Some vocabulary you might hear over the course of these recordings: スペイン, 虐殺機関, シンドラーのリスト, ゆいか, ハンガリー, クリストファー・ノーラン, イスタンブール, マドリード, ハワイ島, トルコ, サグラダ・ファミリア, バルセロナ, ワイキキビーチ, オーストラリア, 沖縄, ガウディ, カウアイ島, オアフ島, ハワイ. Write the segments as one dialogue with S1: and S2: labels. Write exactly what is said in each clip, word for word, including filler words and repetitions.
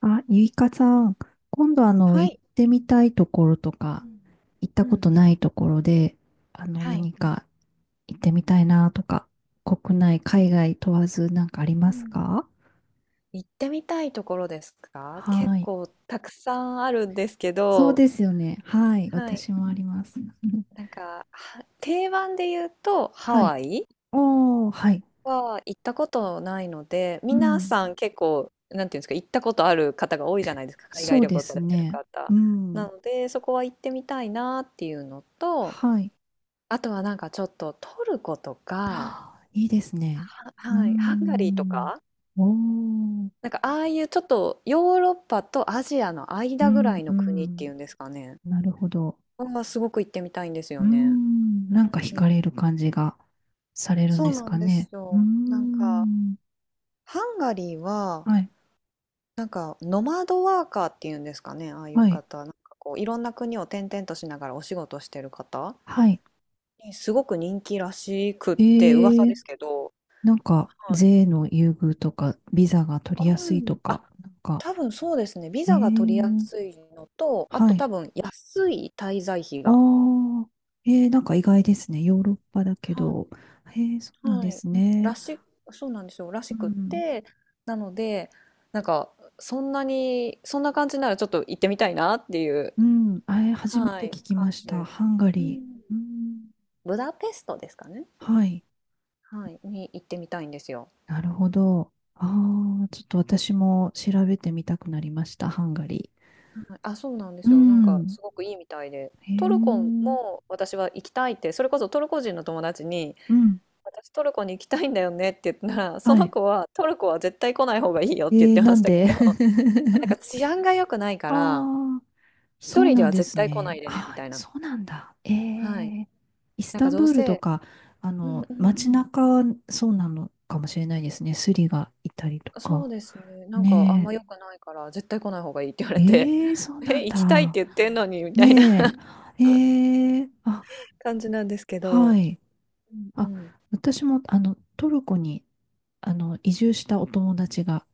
S1: あ、ゆいかさん、今度あの、
S2: は
S1: 行っ
S2: い。
S1: てみたいところと
S2: う
S1: か、
S2: ん。
S1: 行った
S2: う
S1: こ
S2: ん。
S1: とないところで、あの、
S2: はい。
S1: 何か行ってみたいなとか、国内、
S2: はい。
S1: 海外問わずなんかあり
S2: う
S1: ます
S2: ん。
S1: か？
S2: 行ってみたいところですか？結
S1: はい。
S2: 構たくさんあるんですけ
S1: そう
S2: ど、
S1: ですよね。はい。
S2: はい。
S1: 私もあります。うん。
S2: なんか、は定番で言うと ハ
S1: はい。
S2: ワイ
S1: おー、はい。
S2: は行ったことないので、
S1: う
S2: 皆
S1: ん。
S2: さん結構、なんていうんですか、行ったことある方が多いじゃないですか、海
S1: そ
S2: 外
S1: う
S2: 旅
S1: で
S2: 行さ
S1: す
S2: れてる
S1: ね。
S2: 方。
S1: う
S2: な
S1: ん。
S2: ので、そこは行ってみたいなっていうのと、
S1: はい。
S2: あとはなんかちょっとトルコと か、
S1: はあ、いいですね。
S2: は、
S1: うー
S2: はい、ハンガリーと
S1: ん。
S2: か、
S1: おー。
S2: なんかああいうちょっとヨーロッパとアジアの
S1: う
S2: 間ぐら
S1: ん、
S2: い
S1: う
S2: の国って
S1: ん。
S2: いうんですかね。
S1: なるほど。
S2: はすごく行ってみたいんです
S1: うー
S2: よね。
S1: ん、なんか惹
S2: うん、
S1: かれる感じがされるん
S2: そ
S1: で
S2: う
S1: す
S2: なん
S1: か
S2: です
S1: ね。うー
S2: よ。なんか
S1: ん、
S2: ハンガリーは
S1: はい、
S2: なんかノマドワーカーっていうんですかね。ああいう
S1: はい、
S2: 方、なんかこういろんな国を転々としながらお仕事してる方
S1: はい。
S2: にすごく人気らしくっ
S1: え
S2: て噂で
S1: ー、
S2: すけど。
S1: なんか、
S2: はい、
S1: 税の優遇とか、ビザが取
S2: あ
S1: りや
S2: る
S1: すいと
S2: ん、
S1: か、
S2: あ、
S1: なんか、
S2: 多分そうですね。ビ
S1: え
S2: ザが取りや
S1: ー、
S2: すいのと、あ
S1: は
S2: と
S1: い。
S2: 多分安い滞在費
S1: あ
S2: が。
S1: あ、えー、なんか意外ですね。ヨーロッパだけ
S2: は
S1: ど。
S2: い、
S1: えー、そうなん
S2: は
S1: で
S2: い、
S1: す
S2: うん、ら
S1: ね。
S2: し、そうなんですよ、ら
S1: う
S2: しくっ
S1: ん、
S2: て、なので、なんか、そんなに、そんな感じならちょっと行ってみたいなっていう、
S1: うん、あれ、初め
S2: は
S1: て
S2: い、
S1: 聞きま
S2: 感
S1: し
S2: じ
S1: た。
S2: で、
S1: ハンガ
S2: う
S1: リ
S2: ん、
S1: ー。うん、
S2: ブダペストですかね、
S1: はい。
S2: はい、に行ってみたいんですよ。
S1: なるほど。ああ、ちょっと私も調べてみたくなりました、ハンガリ
S2: はい、あ、そうなんで
S1: ー。う
S2: すよ、なんか、
S1: ん。
S2: すごくいいみたいで、
S1: へ
S2: トルコ
S1: え。
S2: も私は行きたいって、それこそトルコ人の友達に、
S1: うん。
S2: 私トルコに行きたいんだよねって言ったら、そ
S1: は
S2: の
S1: い。
S2: 子は、トルコは絶対来ない方がいいよっ
S1: え
S2: て言って
S1: ー、
S2: ま
S1: な
S2: し
S1: ん
S2: たけ
S1: で。
S2: ど、なんか治安が良くない か
S1: あ
S2: ら、
S1: あ、
S2: 一
S1: そう
S2: 人で
S1: なん
S2: は
S1: で
S2: 絶
S1: す
S2: 対来な
S1: ね。
S2: いでね、み
S1: ああ、
S2: たいな。
S1: そうなんだ。え
S2: はい。
S1: え。イス
S2: なん
S1: タ
S2: か
S1: ン
S2: どう
S1: ブールと
S2: せ、
S1: か、あ
S2: うん
S1: の、
S2: うんう
S1: 街
S2: ん。
S1: 中はそうなのかもしれないですね。スリがいたりと
S2: そう
S1: か。
S2: ですね。なんかあん
S1: ね
S2: ま良くないから、絶対来ない方がいいって言わ
S1: え。
S2: れて、
S1: ええ、そうな
S2: え、
S1: ん
S2: 行きたいっ
S1: だ。
S2: て言ってんのにみたいな
S1: ね え。ええ、あ、
S2: 感じなんですけど。
S1: はい。
S2: うん
S1: あ、
S2: うん。
S1: 私も、あの、トルコに、あの、移住したお友達が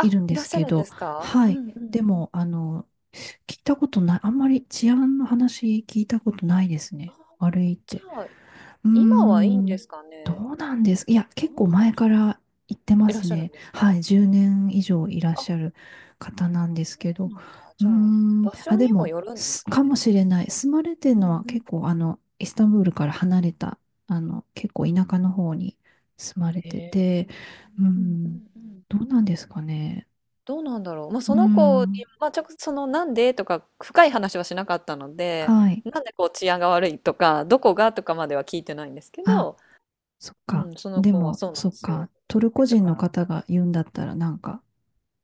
S1: いるん
S2: い
S1: で
S2: らっ
S1: す
S2: しゃ
S1: け
S2: るんで
S1: ど、
S2: すか？
S1: は
S2: うんう
S1: い。で
S2: ん。
S1: も、あの、聞いたことない、あんまり治安の話聞いたことないです
S2: ああ、
S1: ね。悪いっ
S2: じ
S1: て。
S2: ゃあ、
S1: うー
S2: 今はいいんで
S1: ん、
S2: すか
S1: ど
S2: ね？
S1: うなんです、いや、
S2: ど
S1: 結
S2: う
S1: 構
S2: なん
S1: 前
S2: でしょ
S1: か
S2: う。
S1: ら行ってま
S2: いらっ
S1: す
S2: しゃる
S1: ね。
S2: んです
S1: は
S2: か？
S1: い、じゅうねん以上いらっ
S2: あ、
S1: しゃる方なんです
S2: そ
S1: け
S2: う
S1: ど。
S2: なんだ。
S1: うー
S2: じゃあ、
S1: ん、
S2: 場
S1: あ、
S2: 所
S1: で
S2: にも
S1: も、
S2: よるんです
S1: す
S2: か
S1: か
S2: ね？
S1: もしれない。住まれてる
S2: う
S1: の
S2: ん
S1: は
S2: うん。
S1: 結構、あの、イスタンブールから離れた、あの、結構田舎の方に住まれ
S2: へ
S1: て
S2: え。
S1: て、うー
S2: うんう
S1: ん、
S2: んうん。
S1: どうなんですかね。
S2: どうなんだろう。まあ、
S1: うー
S2: その子に、
S1: ん、
S2: まあ、直接そのなんでとか深い話はしなかったので、
S1: はい。
S2: なんでこう治安が悪いとか、どこがとかまでは聞いてないんですけ
S1: あ、
S2: ど、
S1: そっ
S2: う
S1: か。
S2: ん、その
S1: で
S2: 子は
S1: も、
S2: そうなん
S1: そ
S2: で
S1: っ
S2: す
S1: か。
S2: よっ
S1: ト
S2: て言っ
S1: ル
S2: て
S1: コ
S2: た
S1: 人
S2: か
S1: の
S2: ら。
S1: 方が言うんだったら、なんか、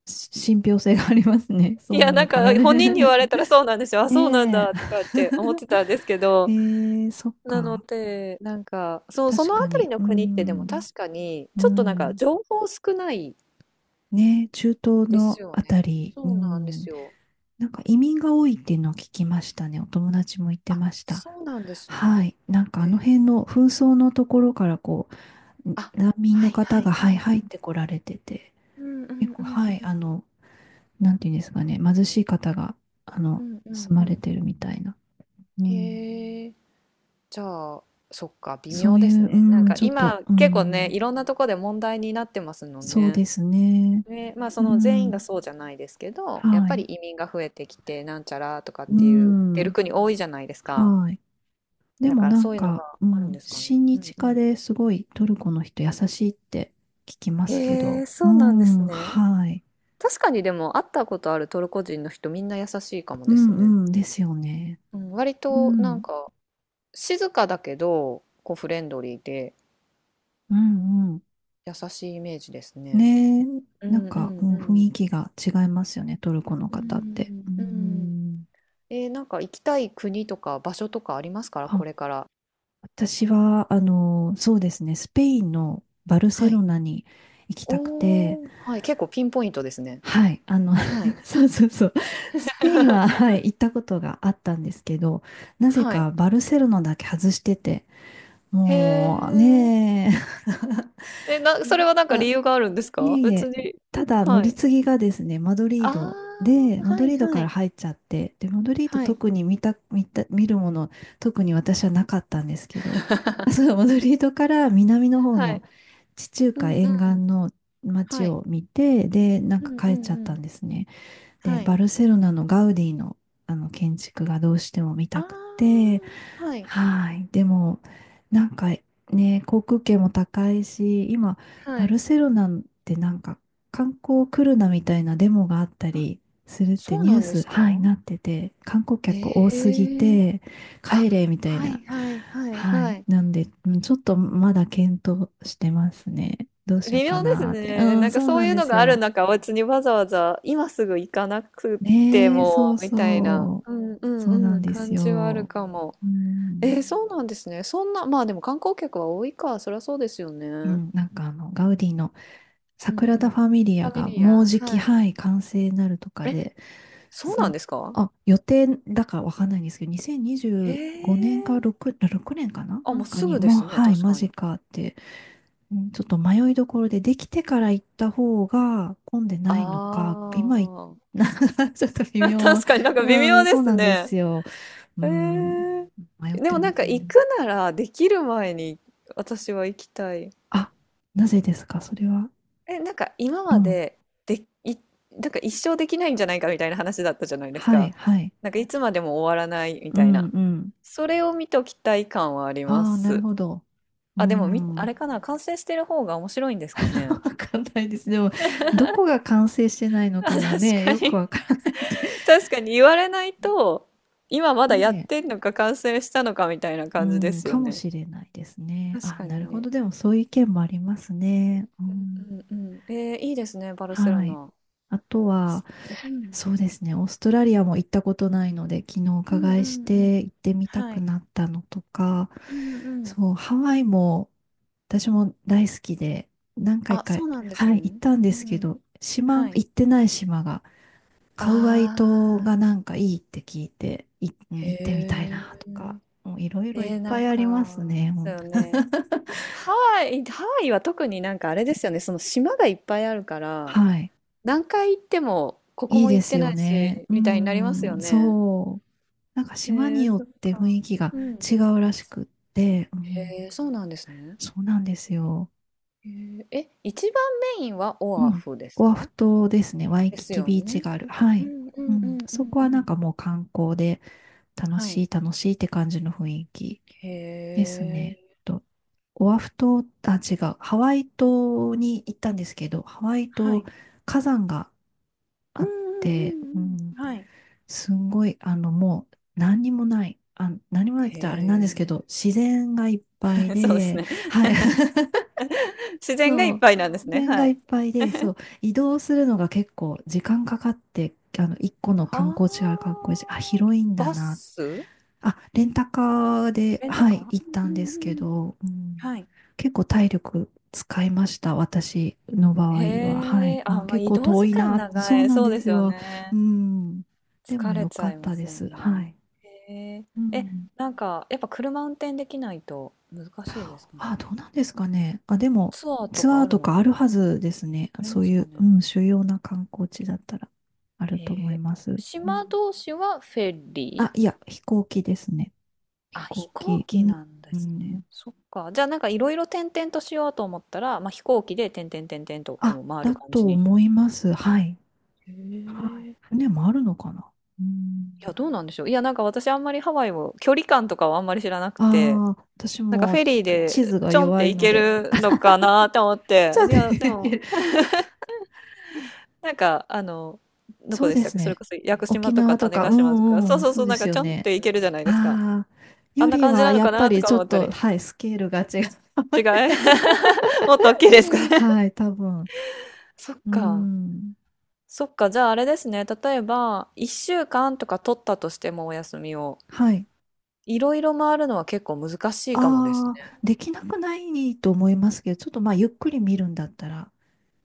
S1: し、信憑性がありますね。そ
S2: い
S1: うな
S2: や、な
S1: の
S2: ん
S1: かな
S2: か本人に言
S1: ね。
S2: われたらそうなんですよ。あ、そうなん
S1: ね
S2: だとかって思って
S1: え。
S2: たんですけど、
S1: えー、そっ
S2: なの
S1: か。
S2: で、なんか、そう、そ
S1: 確
S2: のあ
S1: か
S2: たり
S1: に。
S2: の
S1: う
S2: 国ってでも
S1: ん。
S2: 確かに、
S1: う
S2: ちょっとなんか
S1: ん。
S2: 情報少ない
S1: ねえ、中東
S2: です
S1: の
S2: よ
S1: あた
S2: ね。
S1: り。う
S2: そうなんです
S1: ん。
S2: よ。
S1: なんか移民が多いっていうのを聞きましたね。お友達も言って
S2: あ、
S1: ました。
S2: そうなんですね。
S1: はい。なんかあの
S2: え
S1: 辺の
S2: ー、
S1: 紛争のところからこう、
S2: あ、
S1: 難民
S2: は
S1: の
S2: い
S1: 方
S2: はい
S1: が、は
S2: は
S1: い、
S2: い。
S1: 入ってこられてて、
S2: うんうん
S1: 結
S2: う
S1: 構、
S2: ん
S1: はい、
S2: うん
S1: あの、なんていうんですかね、貧しい方が、あ
S2: う
S1: の、
S2: んうんう
S1: 住
S2: んう
S1: まれ
S2: ん。
S1: てるみたいな。うん、
S2: へえ、じゃあ、そっか、微
S1: そ
S2: 妙
S1: う
S2: で
S1: い
S2: す
S1: う、
S2: ね。なん
S1: うん、
S2: か
S1: ちょっと、
S2: 今、
S1: う
S2: 結構ね、
S1: ん、
S2: いろんなとこで問題になってますもん
S1: そう
S2: ね。
S1: ですね。
S2: ね、まあそ
S1: う
S2: の全員が
S1: ん、
S2: そうじゃないですけど、やっ
S1: は
S2: ぱり
S1: い。
S2: 移民が増えてきて、なんちゃらとかっ
S1: う
S2: ていう、出る
S1: ん、
S2: 国多いじゃないですか。
S1: はい。で
S2: だ
S1: も
S2: から
S1: なん
S2: そういうのが
S1: か、う
S2: あるん
S1: ん、
S2: ですかね。
S1: 親
S2: うん
S1: 日
S2: う
S1: 家
S2: ん。
S1: ですごいトルコの人優しいって聞きま
S2: へ
S1: すけど、
S2: え、
S1: う
S2: そうなんです
S1: ん、
S2: ね。
S1: はい。
S2: 確かにでも会ったことあるトルコ人の人みんな優しいかも
S1: う
S2: ですね。
S1: ん、うん、ですよね。
S2: うん、割
S1: う
S2: となん
S1: ん、
S2: か静かだけど、こうフレンドリーで、
S1: うん、うん。
S2: 優しいイメージですね。
S1: ねえ、
S2: う
S1: なん
S2: んう
S1: か、う
S2: んう
S1: ん、雰
S2: ん。
S1: 囲気が違いますよね、トルコの
S2: う
S1: 方って。
S2: ん
S1: う
S2: うん。
S1: ん、
S2: えー、なんか行きたい国とか場所とかありますから、
S1: あ、
S2: これから。
S1: 私は、あの、そうですね、スペインのバルセ
S2: は
S1: ロ
S2: い。
S1: ナに行きたくて、
S2: おー、はい、結構ピンポイントですね。
S1: はい、あの、
S2: はい。
S1: そうそうそう、スペインは、は い、行ったことがあったんですけど、なぜ
S2: はい。
S1: かバルセロナだけ外してて、
S2: へ
S1: もう
S2: え。
S1: ねえ。
S2: え、な、それ はなんか
S1: あ、
S2: 理由があるんです
S1: い
S2: か？
S1: えい
S2: 別
S1: え、
S2: に。
S1: ただ乗
S2: は
S1: り
S2: い。
S1: 継ぎがですね、マドリ
S2: あ
S1: ードで、
S2: あ、
S1: マ
S2: は
S1: ドリ
S2: い
S1: ード
S2: は
S1: から
S2: い。
S1: 入っちゃって、で、マドリード
S2: はい。
S1: 特に見た、見た、見るもの、特に私はなかったんですけど、あ、そ う、マドリードから南の方
S2: は
S1: の、
S2: い。
S1: 地中
S2: うんう
S1: 海沿岸
S2: ん。
S1: の街
S2: はい。
S1: を見て、で、なん
S2: う
S1: か
S2: んうん
S1: 帰っちゃ
S2: う
S1: った
S2: ん。
S1: んですね。で、
S2: は
S1: バ
S2: い。
S1: ルセロナのガウディの、あの建築がどうしても見
S2: あ
S1: たくて、
S2: あ、はい、
S1: はい。でも、なんかね、航空券も高いし、今、
S2: は
S1: バ
S2: い。
S1: ルセロナってなんか観光来るなみたいなデモがあった
S2: あ、
S1: りするって
S2: そう
S1: ニュ
S2: な
S1: ー
S2: んで
S1: ス、
S2: すか？
S1: はい、なってて、観光客多
S2: へ
S1: すぎ
S2: え。
S1: て、
S2: あ、
S1: 帰れみたい
S2: は
S1: な。
S2: いはいはい
S1: は
S2: は
S1: い。
S2: い。
S1: なんで、うん、ちょっとまだ検討してますね。どうしよう
S2: 微
S1: か
S2: 妙です
S1: なーって。う
S2: ね。な
S1: ん、
S2: んか
S1: そう
S2: そう
S1: なん
S2: いう
S1: で
S2: の
S1: す
S2: がある
S1: よ。
S2: 中、別にわざわざ今すぐ行かなくて
S1: ねえ、そ
S2: も
S1: う
S2: みたいな、
S1: そう。
S2: うんう
S1: そう
S2: ん
S1: な
S2: う
S1: ん
S2: ん、
S1: です
S2: 感じはある
S1: よ。
S2: かも。
S1: う
S2: え
S1: ん。
S2: ー、そうなんですね。そんな、まあでも観光客は多いか、そりゃそうですよね。
S1: う
S2: う
S1: ん、なんかあの、ガウディのサ
S2: ん
S1: グラ
S2: う
S1: ダ・
S2: ん。
S1: ファミリ
S2: フ
S1: ア
S2: ァミ
S1: が
S2: リ
S1: もう
S2: ア、
S1: じき、
S2: はい。
S1: はい、完成になるとか
S2: え、
S1: で、
S2: そうな
S1: そ
S2: ん
S1: う、
S2: ですか、
S1: あ、予定だかわかんないんですけど、2025
S2: へ
S1: 年か
S2: え。
S1: ろく、ろくねんかな
S2: あ、
S1: な
S2: もう
S1: んか
S2: す
S1: に、
S2: ぐで
S1: もう、
S2: すね、
S1: はい、
S2: 確
S1: マ
S2: か
S1: ジ
S2: に。
S1: かって、うん、ちょっと迷いどころで、できてから行った方が混んで
S2: あ
S1: ないのか、今行っ。
S2: あ。
S1: ちょっと微 妙。
S2: 確かになんか微
S1: う
S2: 妙
S1: ん、
S2: で
S1: そう
S2: す
S1: なんで
S2: ね。
S1: すよ。う
S2: え
S1: ん、
S2: ー、
S1: 迷っ
S2: で
S1: て
S2: も
S1: ま
S2: なん
S1: す
S2: か行
S1: ね。
S2: くならできる前に私は行きたい。
S1: あ、なぜですか、それは。
S2: え、なんか今
S1: う
S2: ま
S1: ん。
S2: でで、い、なんか一生できないんじゃないかみたいな話だったじゃないです
S1: はい、
S2: か。
S1: はい。
S2: なんかいつまでも終わらないみ
S1: う
S2: たい
S1: ん、
S2: な。
S1: うん。
S2: それを見ときたい感はありま
S1: ああ、なる
S2: す。
S1: ほど。う
S2: あ、でもみ、あ
S1: ん。
S2: れかな、完成してる方が面白いんですか
S1: わ
S2: ね。
S1: かんないです。でも、どこ が完成してないの
S2: あ、
S1: かも
S2: 確
S1: ね、
S2: か
S1: よく
S2: に。
S1: わからないで。
S2: 確かに言われないと、今 まだや
S1: ね
S2: って
S1: え。
S2: んのか完成したのかみたいな
S1: う
S2: 感じで
S1: ん、
S2: す
S1: か
S2: よ
S1: も
S2: ね。
S1: しれないですね。
S2: 確
S1: あ、
S2: か
S1: な
S2: に
S1: るほ
S2: ね。
S1: ど。でも、そういう意見もありますね。う
S2: う
S1: ん。
S2: んうん。えー、いいですね、バルセロ
S1: はい。
S2: ナ。
S1: あとは、
S2: うん。
S1: そうですね。オーストラリアも行ったことないので、昨日お
S2: うん
S1: 伺
S2: う
S1: いし
S2: んう
S1: て
S2: ん。
S1: 行ってみた
S2: は
S1: く
S2: い。
S1: なったのとか、
S2: うんうん。
S1: そう、ハワイも私も大好きで、何回
S2: あ、
S1: か、
S2: そうなんです
S1: はい、行っ
S2: ね。
S1: たんで
S2: う
S1: すけ
S2: ん。
S1: ど、島、
S2: はい。
S1: 行ってない島が、カウアイ
S2: あ
S1: 島
S2: あ、
S1: がなんかいいって聞いて、い、うん、行ってみたい
S2: へ
S1: な
S2: え。
S1: とか、もういろいろいっ
S2: えー、な
S1: ぱ
S2: ん
S1: いあります
S2: か、
S1: ね。ほ
S2: そう
S1: ん、
S2: よね。ハワイ、ハワイは特になんかあれですよね、その島がいっぱいあるから、
S1: はい。
S2: 何回行っても、ここ
S1: いい
S2: も
S1: で
S2: 行っ
S1: す
S2: てな
S1: よ
S2: い
S1: ね。
S2: し、
S1: う
S2: みたいになりますよ
S1: ん、
S2: ね。
S1: そう。なんか
S2: え
S1: 島に
S2: ー、
S1: よっ
S2: そっ
S1: て雰
S2: か。
S1: 囲気が
S2: うん。
S1: 違うらしくって、う
S2: へ
S1: ん、
S2: え、そうなんですね。
S1: そうなんですよ。
S2: へえ、え、一番メインは
S1: う
S2: オア
S1: ん。
S2: フです
S1: オアフ
S2: か？
S1: 島ですね。ワイ
S2: で
S1: キ
S2: す
S1: キ
S2: よ
S1: ビーチ
S2: ね。
S1: がある。は
S2: う
S1: い。
S2: んう
S1: う
S2: んう
S1: ん。
S2: んう
S1: そ
S2: ん
S1: こ
S2: う
S1: はな
S2: ん。
S1: んかもう観光で楽
S2: は
S1: し
S2: い。
S1: い楽しいって感じの雰囲気
S2: へ
S1: ですね。
S2: え。
S1: と、オアフ島、あ、違う。ハワイ島に行ったんですけど、ハワイ
S2: は
S1: 島
S2: い。
S1: 火山が
S2: う
S1: あ
S2: ん
S1: っ
S2: うん
S1: て、う
S2: うん
S1: ん、
S2: うん。はい。
S1: すんごい、あの、もう何にもない。あ、何もないっ
S2: へ
S1: て言ったらあれなんですけ
S2: え。
S1: ど、自然がいっぱい
S2: そうです
S1: で、
S2: ね。
S1: はい。
S2: 自然がい
S1: そ
S2: っ
S1: う。
S2: ぱいなんです
S1: 自
S2: ね。
S1: 然
S2: は
S1: がいっ
S2: い。
S1: ぱいで、そう。移動するのが結構時間かかって、あの、一個の観光地がある
S2: は
S1: 観光地、あ、
S2: あ。
S1: 広いんだ
S2: バ
S1: な、
S2: ス？
S1: あ、レンタカーで、
S2: レンタ
S1: は
S2: カー？
S1: い、行った
S2: うん
S1: ん
S2: うん
S1: です
S2: う
S1: け
S2: んうん。
S1: ど、うん、
S2: はい。
S1: 結構体力使いました、私の場合
S2: へ
S1: は。はい。
S2: え、あ、
S1: あ、
S2: まあ、
S1: 結
S2: 移
S1: 構
S2: 動
S1: 遠
S2: 時
S1: い
S2: 間
S1: な。そ
S2: 長
S1: う
S2: い。
S1: なん
S2: そう
S1: で
S2: です
S1: す
S2: よ
S1: よ。う
S2: ね。
S1: ん。で
S2: 疲
S1: も
S2: れ
S1: 良
S2: ち
S1: か
S2: ゃ
S1: っ
S2: いま
S1: た
S2: す
S1: で
S2: よ
S1: す。は
S2: ね。
S1: い。
S2: へえ。
S1: う
S2: え、
S1: ん。
S2: なんか、やっぱ車運転できないと難しいですか
S1: あ、
S2: ね。
S1: どうなんですかね。あ、でも、
S2: ツアーと
S1: ツ
S2: か
S1: アー
S2: ある
S1: と
S2: の
S1: か
S2: か、
S1: あるはずですね。
S2: あり
S1: そ
S2: ま
S1: う
S2: す
S1: い
S2: か
S1: う、う
S2: ね。
S1: ん、主要な観光地だったら、ある
S2: へ
S1: と思い
S2: え。
S1: ます。う
S2: 島
S1: ん、
S2: 同士はフェ
S1: あ、
S2: リー、
S1: いや、飛行機ですね。飛
S2: あ、飛
S1: 行
S2: 行
S1: 機。う
S2: 機
S1: ん。
S2: なんで
S1: う
S2: すね。
S1: ん、
S2: そっか。じゃあなんかいろいろ転々としようと思ったら、まあ、飛行機で点々点々とこ
S1: あ、
S2: う回る
S1: だ
S2: 感じ
S1: と
S2: に。
S1: 思います。はい。
S2: へ
S1: はい。
S2: え。い
S1: 船もあるのかな。うん。
S2: や、どうなんでしょう。いや、なんか私あんまりハワイを、距離感とかはあんまり知らなくて、
S1: ああ、私
S2: なんかフ
S1: も
S2: ェリー
S1: 地
S2: で
S1: 図が
S2: ちょんっ
S1: 弱
S2: て
S1: い
S2: 行
S1: の
S2: け
S1: で。
S2: る のかなと思って、
S1: じゃあ
S2: いや、でも、
S1: ね。
S2: なんか、あの、ど
S1: そ
S2: こ
S1: う
S2: でし
S1: で
S2: たっ
S1: す
S2: け、それ
S1: ね。
S2: こそ屋久島
S1: 沖
S2: とか
S1: 縄と
S2: 種
S1: か、
S2: 子
S1: う
S2: 島とか、
S1: ん、
S2: そ
S1: う
S2: う
S1: ん、
S2: そう
S1: そ
S2: そ
S1: う
S2: う、
S1: で
S2: なん
S1: す
S2: かち
S1: よ
S2: ょんっ
S1: ね。
S2: て行けるじゃないですか。
S1: ああ、
S2: あ
S1: よ
S2: んな
S1: り
S2: 感じ
S1: は
S2: なの
S1: や
S2: か
S1: っぱ
S2: なと
S1: り
S2: か
S1: ちょっ
S2: 思った
S1: と、
S2: り、
S1: はい、スケールが違う。
S2: 違い、もっと大きいですか ね。
S1: はい、多分。
S2: そっ
S1: う
S2: か。
S1: ん。
S2: そっか、じゃああれですね、例えば、いっしゅうかんとか取ったとしてもお休みを、
S1: はい。
S2: いろいろ回るのは結構難しいかもですね。
S1: ああ、できなくないと思いますけど、ちょっとまあ、ゆっくり見るんだったら。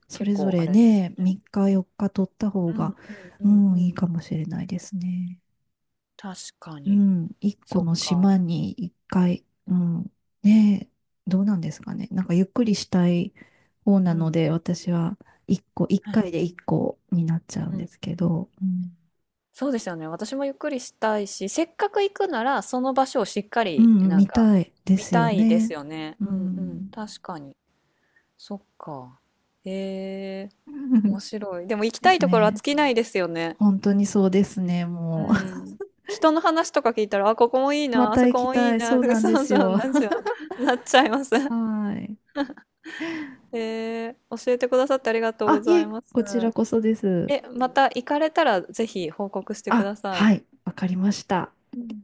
S1: そ
S2: 結
S1: れぞ
S2: 構あ
S1: れ
S2: れです
S1: ね、
S2: ね。
S1: みっかよっか取った方
S2: う
S1: が、
S2: んうんう
S1: う
S2: んう
S1: ん、いい
S2: ん。
S1: かもしれないですね。
S2: 確か
S1: う
S2: に。
S1: ん、いっこ
S2: そっ
S1: の島
S2: か。
S1: にいっかい、うん、ねえ、どうなんですかね。なんかゆっくりしたい方
S2: う
S1: な
S2: ん
S1: の
S2: う
S1: で、私
S2: ん。
S1: はいっこ、1
S2: は
S1: 回
S2: い。
S1: でいっこになっちゃう
S2: う
S1: ん
S2: ん
S1: です
S2: う
S1: け
S2: ん、
S1: ど、うん、
S2: そうですよね。私もゆっくりしたいし、せっかく行くなら、その場所をしっか
S1: う
S2: り、
S1: ん、
S2: なん
S1: 見
S2: か、
S1: たいで
S2: 見
S1: すよ
S2: たいです
S1: ね。
S2: よね。
S1: う
S2: うんうん。
S1: ん。
S2: 確かに。そっか。へえ、面 白い。でも行き
S1: で
S2: たい
S1: す
S2: ところは尽
S1: ね。
S2: きないですよね。
S1: 本当にそうですね、
S2: う
S1: も
S2: ん。人の話とか聞いたら、あ、ここもいい
S1: う。ま
S2: な、あ
S1: た
S2: そ
S1: 行
S2: こ
S1: き
S2: もいい
S1: たい。
S2: な、
S1: そう
S2: とか、
S1: なん
S2: そ
S1: で
S2: う
S1: す
S2: そう
S1: よ。
S2: なんですよ。なっちゃいます。
S1: はい。
S2: へえ、教えてくださってありがとうご
S1: あ、い
S2: ざい
S1: え、
S2: ます。
S1: こちらこそです。
S2: え、また行かれたら、ぜひ報告してく
S1: あ、
S2: ださい。
S1: はい、わかりました。
S2: うん